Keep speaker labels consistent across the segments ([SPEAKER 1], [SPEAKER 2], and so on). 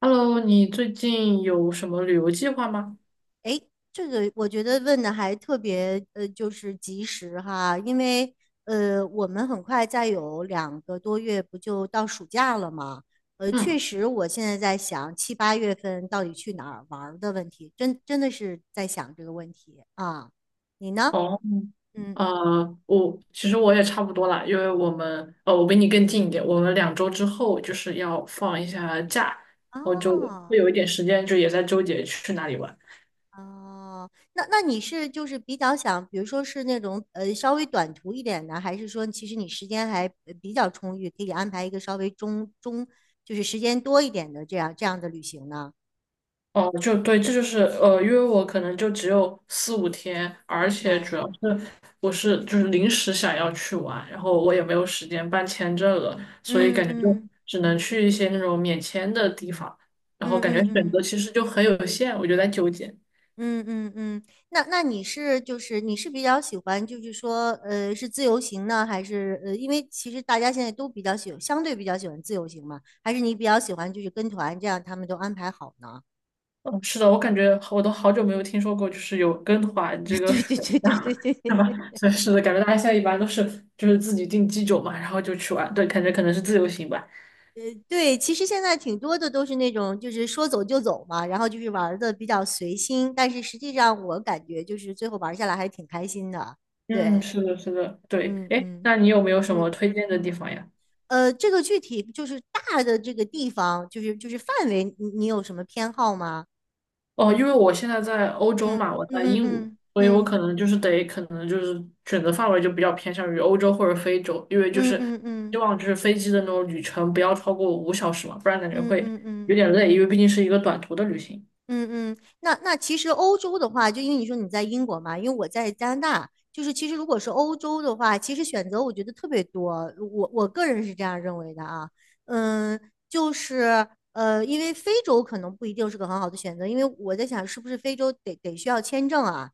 [SPEAKER 1] Hello，你最近有什么旅游计划吗？
[SPEAKER 2] 哎，这个我觉得问的还特别就是及时哈，因为我们很快再有两个多月不就到暑假了吗？确
[SPEAKER 1] 嗯。
[SPEAKER 2] 实，我现在在想七八月份到底去哪儿玩儿的问题，真的是在想这个问题啊。你呢？
[SPEAKER 1] 哦。
[SPEAKER 2] 嗯，
[SPEAKER 1] 我其实我也差不多啦，因为我们我比你更近一点，我们两周之后就是要放一下假，然后就会
[SPEAKER 2] 哦。
[SPEAKER 1] 有一点时间，就也在纠结去哪里玩。
[SPEAKER 2] 哦，那你是就是比较想，比如说是那种稍微短途一点的，还是说其实你时间还比较充裕，可以安排一个稍微就是时间多一点的这样的旅行呢？
[SPEAKER 1] 哦，就对，这就是因为我可能就只有4、5天，
[SPEAKER 2] 明
[SPEAKER 1] 而且主
[SPEAKER 2] 白。
[SPEAKER 1] 要是我是就是临时想要去玩，然后我也没有时间办签证了，所以
[SPEAKER 2] 嗯
[SPEAKER 1] 感觉就
[SPEAKER 2] 嗯
[SPEAKER 1] 只能去一些那种免签的地方，然后
[SPEAKER 2] 嗯
[SPEAKER 1] 感觉
[SPEAKER 2] 嗯
[SPEAKER 1] 选择
[SPEAKER 2] 嗯
[SPEAKER 1] 其实就很有限，我就在纠结。
[SPEAKER 2] 嗯嗯嗯，那你是就是你是比较喜欢就是说是自由行呢，还是因为其实大家现在都比较相对比较喜欢自由行嘛，还是你比较喜欢就是跟团这样他们都安排好呢？
[SPEAKER 1] 嗯，是的，我感觉我都好久没有听说过，就是有跟团 这个
[SPEAKER 2] 对
[SPEAKER 1] 选
[SPEAKER 2] 对对对对
[SPEAKER 1] 项，
[SPEAKER 2] 对对
[SPEAKER 1] 是吧？
[SPEAKER 2] 对，
[SPEAKER 1] 所以是的，感觉大家现在一般都是就是自己订机酒嘛，然后就去玩，对，感觉可能是自由行吧。
[SPEAKER 2] 对，其实现在挺多的都是那种，就是说走就走嘛，然后就是玩的比较随心，但是实际上我感觉就是最后玩下来还挺开心的。
[SPEAKER 1] 嗯，
[SPEAKER 2] 对，
[SPEAKER 1] 是的，是的，对。
[SPEAKER 2] 嗯
[SPEAKER 1] 哎，
[SPEAKER 2] 嗯。
[SPEAKER 1] 那你有没有什么
[SPEAKER 2] 嗯，
[SPEAKER 1] 推荐的地方呀？
[SPEAKER 2] 这个具体就是大的这个地方，就是就是范围，你有什么偏好吗？
[SPEAKER 1] 哦，因为我现在在欧洲
[SPEAKER 2] 嗯
[SPEAKER 1] 嘛，我在
[SPEAKER 2] 嗯
[SPEAKER 1] 英国，
[SPEAKER 2] 嗯
[SPEAKER 1] 所以我
[SPEAKER 2] 嗯
[SPEAKER 1] 可能就是得，可能就是选择范围就比较偏向于欧洲或者非洲，因为就
[SPEAKER 2] 嗯
[SPEAKER 1] 是
[SPEAKER 2] 嗯嗯
[SPEAKER 1] 希
[SPEAKER 2] 嗯
[SPEAKER 1] 望就是飞机的那种旅程不要超过5小时嘛，不然感觉
[SPEAKER 2] 嗯嗯
[SPEAKER 1] 会
[SPEAKER 2] 嗯嗯。嗯嗯
[SPEAKER 1] 有
[SPEAKER 2] 嗯
[SPEAKER 1] 点累，因为毕竟是一个短途的旅行。
[SPEAKER 2] 嗯嗯，那那其实欧洲的话，就因为你说你在英国嘛，因为我在加拿大，就是其实如果是欧洲的话，其实选择我觉得特别多，我个人是这样认为的啊，嗯，就是因为非洲可能不一定是个很好的选择，因为我在想是不是非洲得需要签证啊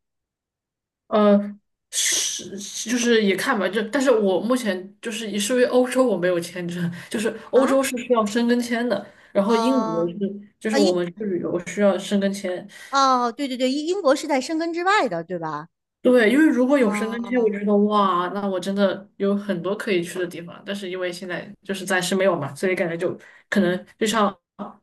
[SPEAKER 1] 呃，是就是也看吧，就但是我目前就是也是因为欧洲我没有签证，就是欧
[SPEAKER 2] 啊
[SPEAKER 1] 洲是需要申根签的，然后英国
[SPEAKER 2] 哦
[SPEAKER 1] 是就是
[SPEAKER 2] 啊
[SPEAKER 1] 我
[SPEAKER 2] 英
[SPEAKER 1] 们去旅游需要申根签，
[SPEAKER 2] 哦对对对，英国是在申根之外的，对吧？
[SPEAKER 1] 对，因为如果有申根签，我
[SPEAKER 2] 哦，
[SPEAKER 1] 就觉得哇，那我真的有很多可以去的地方。但是因为现在就是暂时没有嘛，所以感觉就可能就像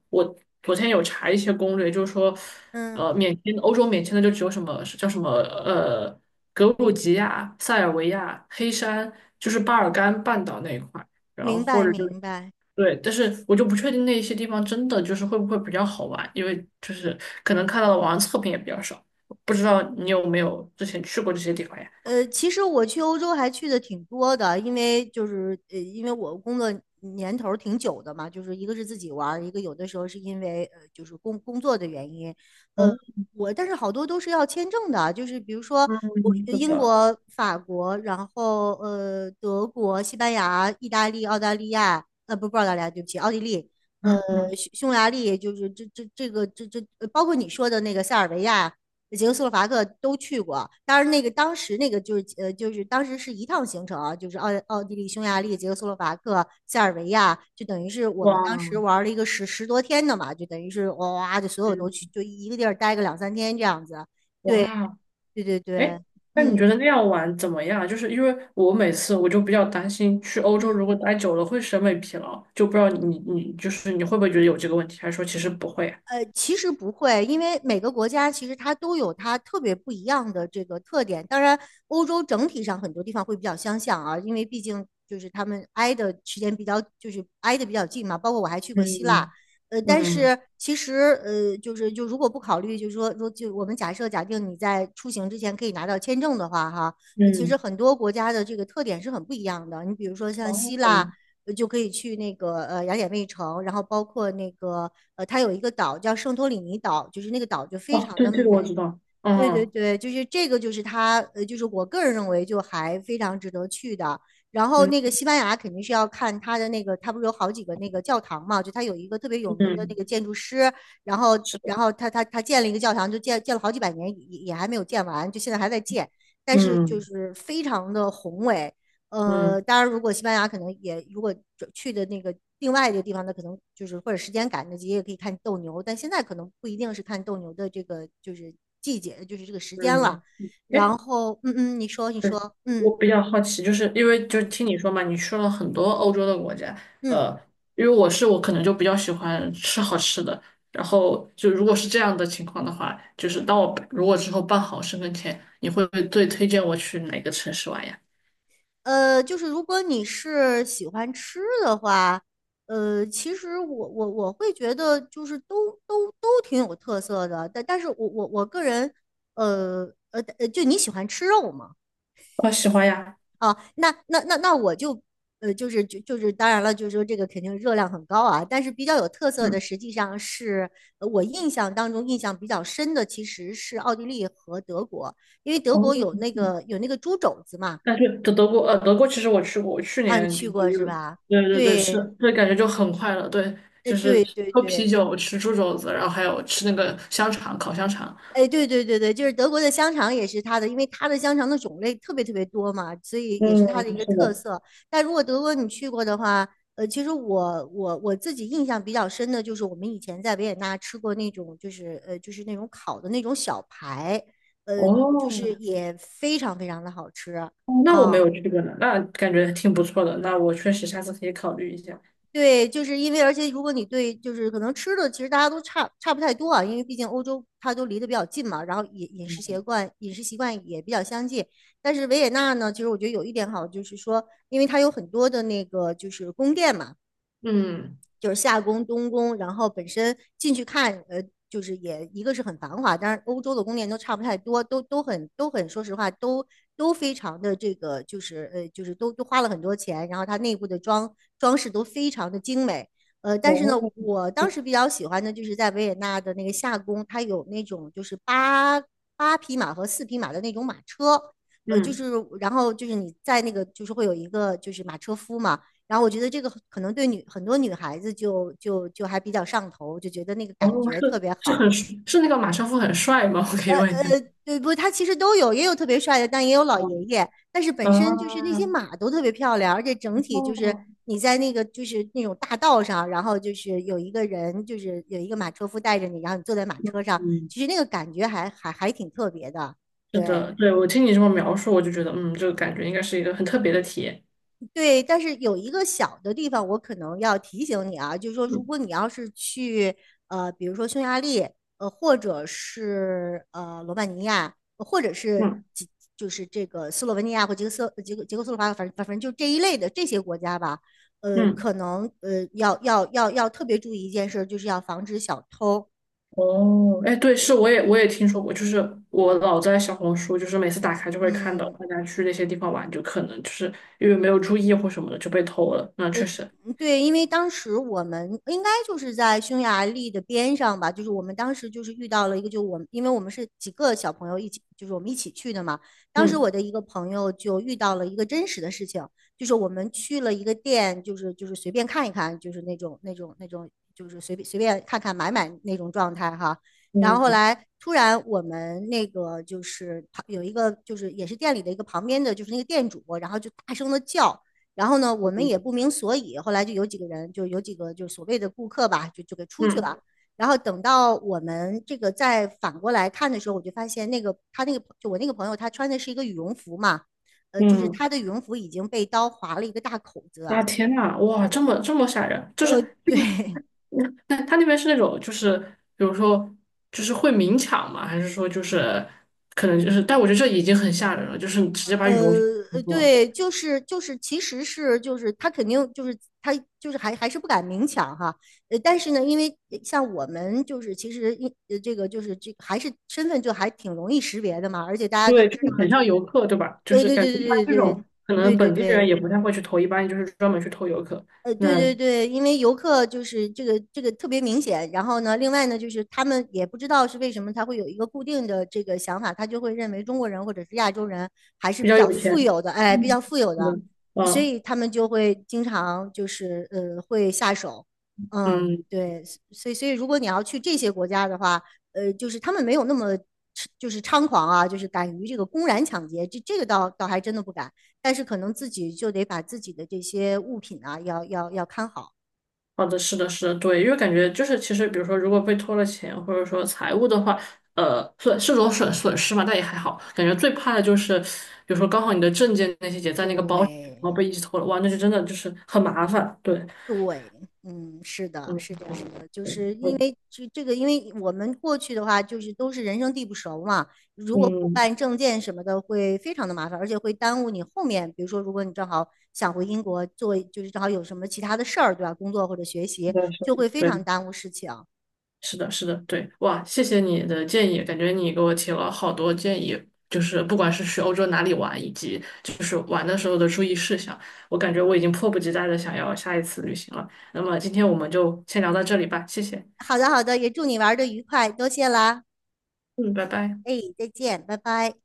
[SPEAKER 1] 我昨天有查一些攻略，就是说，
[SPEAKER 2] 嗯，
[SPEAKER 1] 免签欧洲免签的就只有什么叫什么格鲁吉亚、塞尔维亚、黑山，就是巴尔干半岛那一块，然后
[SPEAKER 2] 明
[SPEAKER 1] 或
[SPEAKER 2] 白
[SPEAKER 1] 者就
[SPEAKER 2] 明白。
[SPEAKER 1] 对，但是我就不确定那些地方真的就是会不会比较好玩，因为就是可能看到的网上测评也比较少，不知道你有没有之前去过这些地方呀？
[SPEAKER 2] 其实我去欧洲还去的挺多的，因为就是因为我工作年头儿挺久的嘛，就是一个是自己玩儿一个有的时候是因为就是工作的原因，呃，
[SPEAKER 1] 哦。
[SPEAKER 2] 我但是好多都是要签证的，就是比如说
[SPEAKER 1] 嗯。
[SPEAKER 2] 我
[SPEAKER 1] 是
[SPEAKER 2] 英
[SPEAKER 1] 的。
[SPEAKER 2] 国、法国，然后德国、西班牙、意大利、澳大利亚，呃不不澳大利亚，对不起，奥地利，呃
[SPEAKER 1] 嗯。
[SPEAKER 2] 匈牙利，就是这这这个这这呃包括你说的那个塞尔维亚。捷克斯洛伐克都去过。当然，那个当时那个就是就是当时是一趟行程啊，就是奥地利、匈牙利、捷克斯洛伐克、塞尔维亚，就等于是我
[SPEAKER 1] 哇。
[SPEAKER 2] 们当时玩了一个十多天的嘛，就等于是哇就所有都去，
[SPEAKER 1] 嗯。
[SPEAKER 2] 就一个地儿待个两三天这样子。对
[SPEAKER 1] 哇。
[SPEAKER 2] 对对对，
[SPEAKER 1] 哎，那你
[SPEAKER 2] 嗯
[SPEAKER 1] 觉得那样玩怎么样？就是因为我每次我就比较担心去欧洲如果
[SPEAKER 2] 嗯。
[SPEAKER 1] 待久了会审美疲劳，就不知道你你会不会觉得有这个问题，还是说其实不会啊？
[SPEAKER 2] 其实不会，因为每个国家其实它都有它特别不一样的这个特点。当然，欧洲整体上很多地方会比较相像啊，因为毕竟就是他们挨的时间比较，就是挨得比较近嘛。包括我还去过希腊，
[SPEAKER 1] 嗯
[SPEAKER 2] 但
[SPEAKER 1] 嗯
[SPEAKER 2] 是其实就是就如果不考虑，就是说就我们假定你在出行之前可以拿到签证的话，哈，其实
[SPEAKER 1] 嗯。
[SPEAKER 2] 很多国家的这个特点是很不一样的。你比如说像希
[SPEAKER 1] 哦。
[SPEAKER 2] 腊。
[SPEAKER 1] 嗯
[SPEAKER 2] 就可以去那个雅典卫城，然后包括那个它有一个岛叫圣托里尼岛，就是那个岛就非
[SPEAKER 1] 哦，
[SPEAKER 2] 常
[SPEAKER 1] 对，
[SPEAKER 2] 的
[SPEAKER 1] 这个
[SPEAKER 2] 美。
[SPEAKER 1] 我知道，
[SPEAKER 2] 对对
[SPEAKER 1] 嗯。
[SPEAKER 2] 对，就是这个，就是它就是我个人认为就还非常值得去的。然后
[SPEAKER 1] 嗯，
[SPEAKER 2] 那个西班牙肯定是要看它的那个，它不是有好几个那个教堂嘛？就它有一个特别有名的那
[SPEAKER 1] 嗯，
[SPEAKER 2] 个建筑师，然后
[SPEAKER 1] 是的，
[SPEAKER 2] 然后他建了一个教堂，就建了好几百年，也还没有建完，就现在还在建，但是就
[SPEAKER 1] 嗯
[SPEAKER 2] 是非常的宏伟。
[SPEAKER 1] 嗯
[SPEAKER 2] 当然，如果西班牙可能也如果去的那个另外一个地方，那可能就是或者时间赶得及，也可以看斗牛，但现在可能不一定是看斗牛的这个就是季节，就是这个时间了。
[SPEAKER 1] 嗯。哎。
[SPEAKER 2] 然后，嗯嗯，你说，你
[SPEAKER 1] 嗯。
[SPEAKER 2] 说，嗯
[SPEAKER 1] 我比较好奇，就是因为就
[SPEAKER 2] 嗯
[SPEAKER 1] 听你说嘛，你去了很多欧洲的国家，
[SPEAKER 2] 嗯，
[SPEAKER 1] 呃，因为我是我可能就比较喜欢吃好吃的，然后就如果是这样的情况的话，就是当我如果之后办好身份签，你会不会最推荐我去哪个城市玩呀？
[SPEAKER 2] 就是如果你是喜欢吃的话，其实我会觉得就是都挺有特色的，但是我个人，呃就你喜欢吃肉吗？
[SPEAKER 1] 我喜欢呀。
[SPEAKER 2] 哦，那我就，就是就是当然了，就是说这个肯定热量很高啊，但是比较有特色的，
[SPEAKER 1] 嗯。
[SPEAKER 2] 实际上是我印象当中印象比较深的，其实是奥地利和德国，因为德
[SPEAKER 1] 哦。
[SPEAKER 2] 国有那个猪肘子嘛，
[SPEAKER 1] 但是德国其实我去过，我去
[SPEAKER 2] 啊，你
[SPEAKER 1] 年就
[SPEAKER 2] 去过是
[SPEAKER 1] 是
[SPEAKER 2] 吧？
[SPEAKER 1] 对对对是，
[SPEAKER 2] 对，
[SPEAKER 1] 对感觉就很快乐，对，就是
[SPEAKER 2] 对对
[SPEAKER 1] 喝啤
[SPEAKER 2] 对。
[SPEAKER 1] 酒、吃猪肘子，然后还有吃那个香肠，烤香肠。
[SPEAKER 2] 哎，对对对对，就是德国的香肠也是它的，因为它的香肠的种类特别特别多嘛，所以也是
[SPEAKER 1] 嗯，
[SPEAKER 2] 它的一个
[SPEAKER 1] 是
[SPEAKER 2] 特
[SPEAKER 1] 的。
[SPEAKER 2] 色。但如果德国你去过的话，其实我自己印象比较深的就是我们以前在维也纳吃过那种，就是就是那种烤的那种小排，呃，就是
[SPEAKER 1] 哦，
[SPEAKER 2] 也非常非常的好吃
[SPEAKER 1] 那我没有
[SPEAKER 2] 啊。
[SPEAKER 1] 去过呢，那感觉挺不错的，那我确实下次可以考虑一下。
[SPEAKER 2] 对，就是因为，而且如果你对，就是可能吃的，其实大家都差不太多啊，因为毕竟欧洲它都离得比较近嘛，然后饮食习惯饮食习惯也比较相近。但是维也纳呢，其实我觉得有一点好，就是说，因为它有很多的那个就是宫殿嘛，
[SPEAKER 1] 嗯。
[SPEAKER 2] 就是夏宫、东宫，然后本身进去看，就是也一个是很繁华，当然欧洲的宫殿都差不太多，都很，说实话都非常的这个，就是就是都花了很多钱，然后它内部的装饰都非常的精美，但是呢，
[SPEAKER 1] 哦。
[SPEAKER 2] 我当
[SPEAKER 1] 嗯。
[SPEAKER 2] 时比较喜欢的就是在维也纳的那个夏宫，它有那种就是八匹马和四匹马的那种马车。就
[SPEAKER 1] 嗯。
[SPEAKER 2] 是，然后就是你在那个，就是会有一个就是马车夫嘛，然后我觉得这个可能对很多女孩子就还比较上头，就觉得那个
[SPEAKER 1] 哦，
[SPEAKER 2] 感觉特
[SPEAKER 1] 是
[SPEAKER 2] 别
[SPEAKER 1] 是
[SPEAKER 2] 好。
[SPEAKER 1] 很是那个马车夫很帅吗？我可以
[SPEAKER 2] 呃
[SPEAKER 1] 问一
[SPEAKER 2] 呃，
[SPEAKER 1] 下。
[SPEAKER 2] 对不？他其实都有，也有特别帅的，但也有老
[SPEAKER 1] 哦。
[SPEAKER 2] 爷爷。但是本身就是那
[SPEAKER 1] 啊。
[SPEAKER 2] 些马都特别漂亮，而且整体就是
[SPEAKER 1] 哦。
[SPEAKER 2] 你在那个就是那种大道上，然后就是有一个人，就是有一个马车夫带着你，然后你坐在马车上，
[SPEAKER 1] 嗯。
[SPEAKER 2] 其实那个感觉还挺特别的。
[SPEAKER 1] 是
[SPEAKER 2] 对，
[SPEAKER 1] 的，对，我听你这么描述，我就觉得，嗯，这个感觉应该是一个很特别的体验。
[SPEAKER 2] 对，但是有一个小的地方，我可能要提醒你啊，就是说，如
[SPEAKER 1] 嗯
[SPEAKER 2] 果你要是去比如说匈牙利，或者是罗马尼亚，或者是
[SPEAKER 1] 嗯
[SPEAKER 2] 就是这个斯洛文尼亚或捷克斯洛伐克，反正就这一类的这些国家吧，
[SPEAKER 1] 嗯。
[SPEAKER 2] 可能要特别注意一件事就是要防止小偷。
[SPEAKER 1] 哦，哎，对，是，我也听说过，就是我老在小红书，就是每次打开就会看到
[SPEAKER 2] 嗯，
[SPEAKER 1] 大家去那些地方玩，就可能就是因为没有注意或什么的就被偷了。那
[SPEAKER 2] 呃，
[SPEAKER 1] 确实。
[SPEAKER 2] 嗯对，因为当时我们应该就是在匈牙利的边上吧，就是我们当时就是遇到了一个，就我们因为我们是几个小朋友一起，就是我们一起去的嘛。当时我
[SPEAKER 1] 嗯
[SPEAKER 2] 的一个朋友就遇到了一个真实的事情，就是我们去了一个店，就是随便看一看，就是那种，就是随便看看买那种状态哈。然后后
[SPEAKER 1] 嗯
[SPEAKER 2] 来突然我们那个就是旁有一个就是也是店里的一个旁边的就是那个店主，然后就大声的叫。然后呢，我们也不明所以，后来就有几个人，就有几个就所谓的顾客吧，就给出去
[SPEAKER 1] 嗯
[SPEAKER 2] 了。然后等到我们这个再反过来看的时候，我就发现那个他那个就我那个朋友，他穿的是一个羽绒服嘛，就是
[SPEAKER 1] 嗯。
[SPEAKER 2] 他的羽绒服已经被刀划了一个大口子，
[SPEAKER 1] 啊，天呐，哇，这么这么吓人，就是是不是
[SPEAKER 2] 对，
[SPEAKER 1] 但他那边是那种，就是比如说，就是会明抢吗？还是说就是可能就是？但我觉得这已经很吓人了，就是你直接把羽绒服拿过，
[SPEAKER 2] 对，就是，其实是就是他肯定就是他就是还是不敢明抢哈，但是呢，因为像我们就是其实这个就是这还是身份就还挺容易识别的嘛，而且大家都
[SPEAKER 1] 对，就
[SPEAKER 2] 知
[SPEAKER 1] 是
[SPEAKER 2] 道
[SPEAKER 1] 很
[SPEAKER 2] 就
[SPEAKER 1] 像
[SPEAKER 2] 是，
[SPEAKER 1] 游客，对吧？就是
[SPEAKER 2] 对对
[SPEAKER 1] 感觉
[SPEAKER 2] 对
[SPEAKER 1] 一般
[SPEAKER 2] 对
[SPEAKER 1] 这
[SPEAKER 2] 对
[SPEAKER 1] 种可能
[SPEAKER 2] 对对
[SPEAKER 1] 本地人也
[SPEAKER 2] 对。
[SPEAKER 1] 不太会去偷，一般就是专门去偷游客。
[SPEAKER 2] 对
[SPEAKER 1] 那
[SPEAKER 2] 对对，因为游客就是这个这个特别明显，然后呢，另外呢，就是他们也不知道是为什么他会有一个固定的这个想法，他就会认为中国人或者是亚洲人还是
[SPEAKER 1] 比
[SPEAKER 2] 比
[SPEAKER 1] 较
[SPEAKER 2] 较
[SPEAKER 1] 有钱。
[SPEAKER 2] 富有的，哎，比
[SPEAKER 1] 嗯，
[SPEAKER 2] 较富有
[SPEAKER 1] 是
[SPEAKER 2] 的，
[SPEAKER 1] 的。
[SPEAKER 2] 所
[SPEAKER 1] 嗯
[SPEAKER 2] 以他们就会经常就是会下手，嗯，
[SPEAKER 1] 嗯。
[SPEAKER 2] 对，所以如果你要去这些国家的话，就是他们没有那么就是猖狂啊，就是敢于这个公然抢劫，这个倒还真的不敢。但是可能自己就得把自己的这些物品啊，要看好。
[SPEAKER 1] 好的，是的，是的，对，因为感觉就是，其实比如说，如果被拖了钱，或者说财务的话，损是种损失嘛，但也还好。感觉最怕的就是，比如说刚好你的证件那些也在那个
[SPEAKER 2] 对
[SPEAKER 1] 包里，然后被一起偷了，哇，那就真的就是很麻烦。对。
[SPEAKER 2] 对，嗯，是的，
[SPEAKER 1] 嗯，
[SPEAKER 2] 是这样
[SPEAKER 1] 是的
[SPEAKER 2] 的，就是
[SPEAKER 1] 对。
[SPEAKER 2] 因
[SPEAKER 1] 嗯
[SPEAKER 2] 为这个，因为我们过去的话，就是都是人生地不熟嘛，如
[SPEAKER 1] 对。
[SPEAKER 2] 果不
[SPEAKER 1] 嗯，
[SPEAKER 2] 办证件什么的，会非常的麻烦，而且会耽误你后面，比如说，如果你正好想回英国做，就是正好有什么其他的事儿，对吧？工作或者学
[SPEAKER 1] 是
[SPEAKER 2] 习，
[SPEAKER 1] 的是的
[SPEAKER 2] 就会非常
[SPEAKER 1] 对。
[SPEAKER 2] 耽误事情。
[SPEAKER 1] 是的，是的，对，哇，谢谢你的建议，感觉你给我提了好多建议，就是不管是去欧洲哪里玩，以及就是玩的时候的注意事项，我感觉我已经迫不及待的想要下一次旅行了。那么今天我们就先聊到这里吧，谢谢。
[SPEAKER 2] 好的，好的，也祝你玩的愉快，多谢啦，
[SPEAKER 1] 嗯，拜拜。
[SPEAKER 2] 哎，再见，拜拜。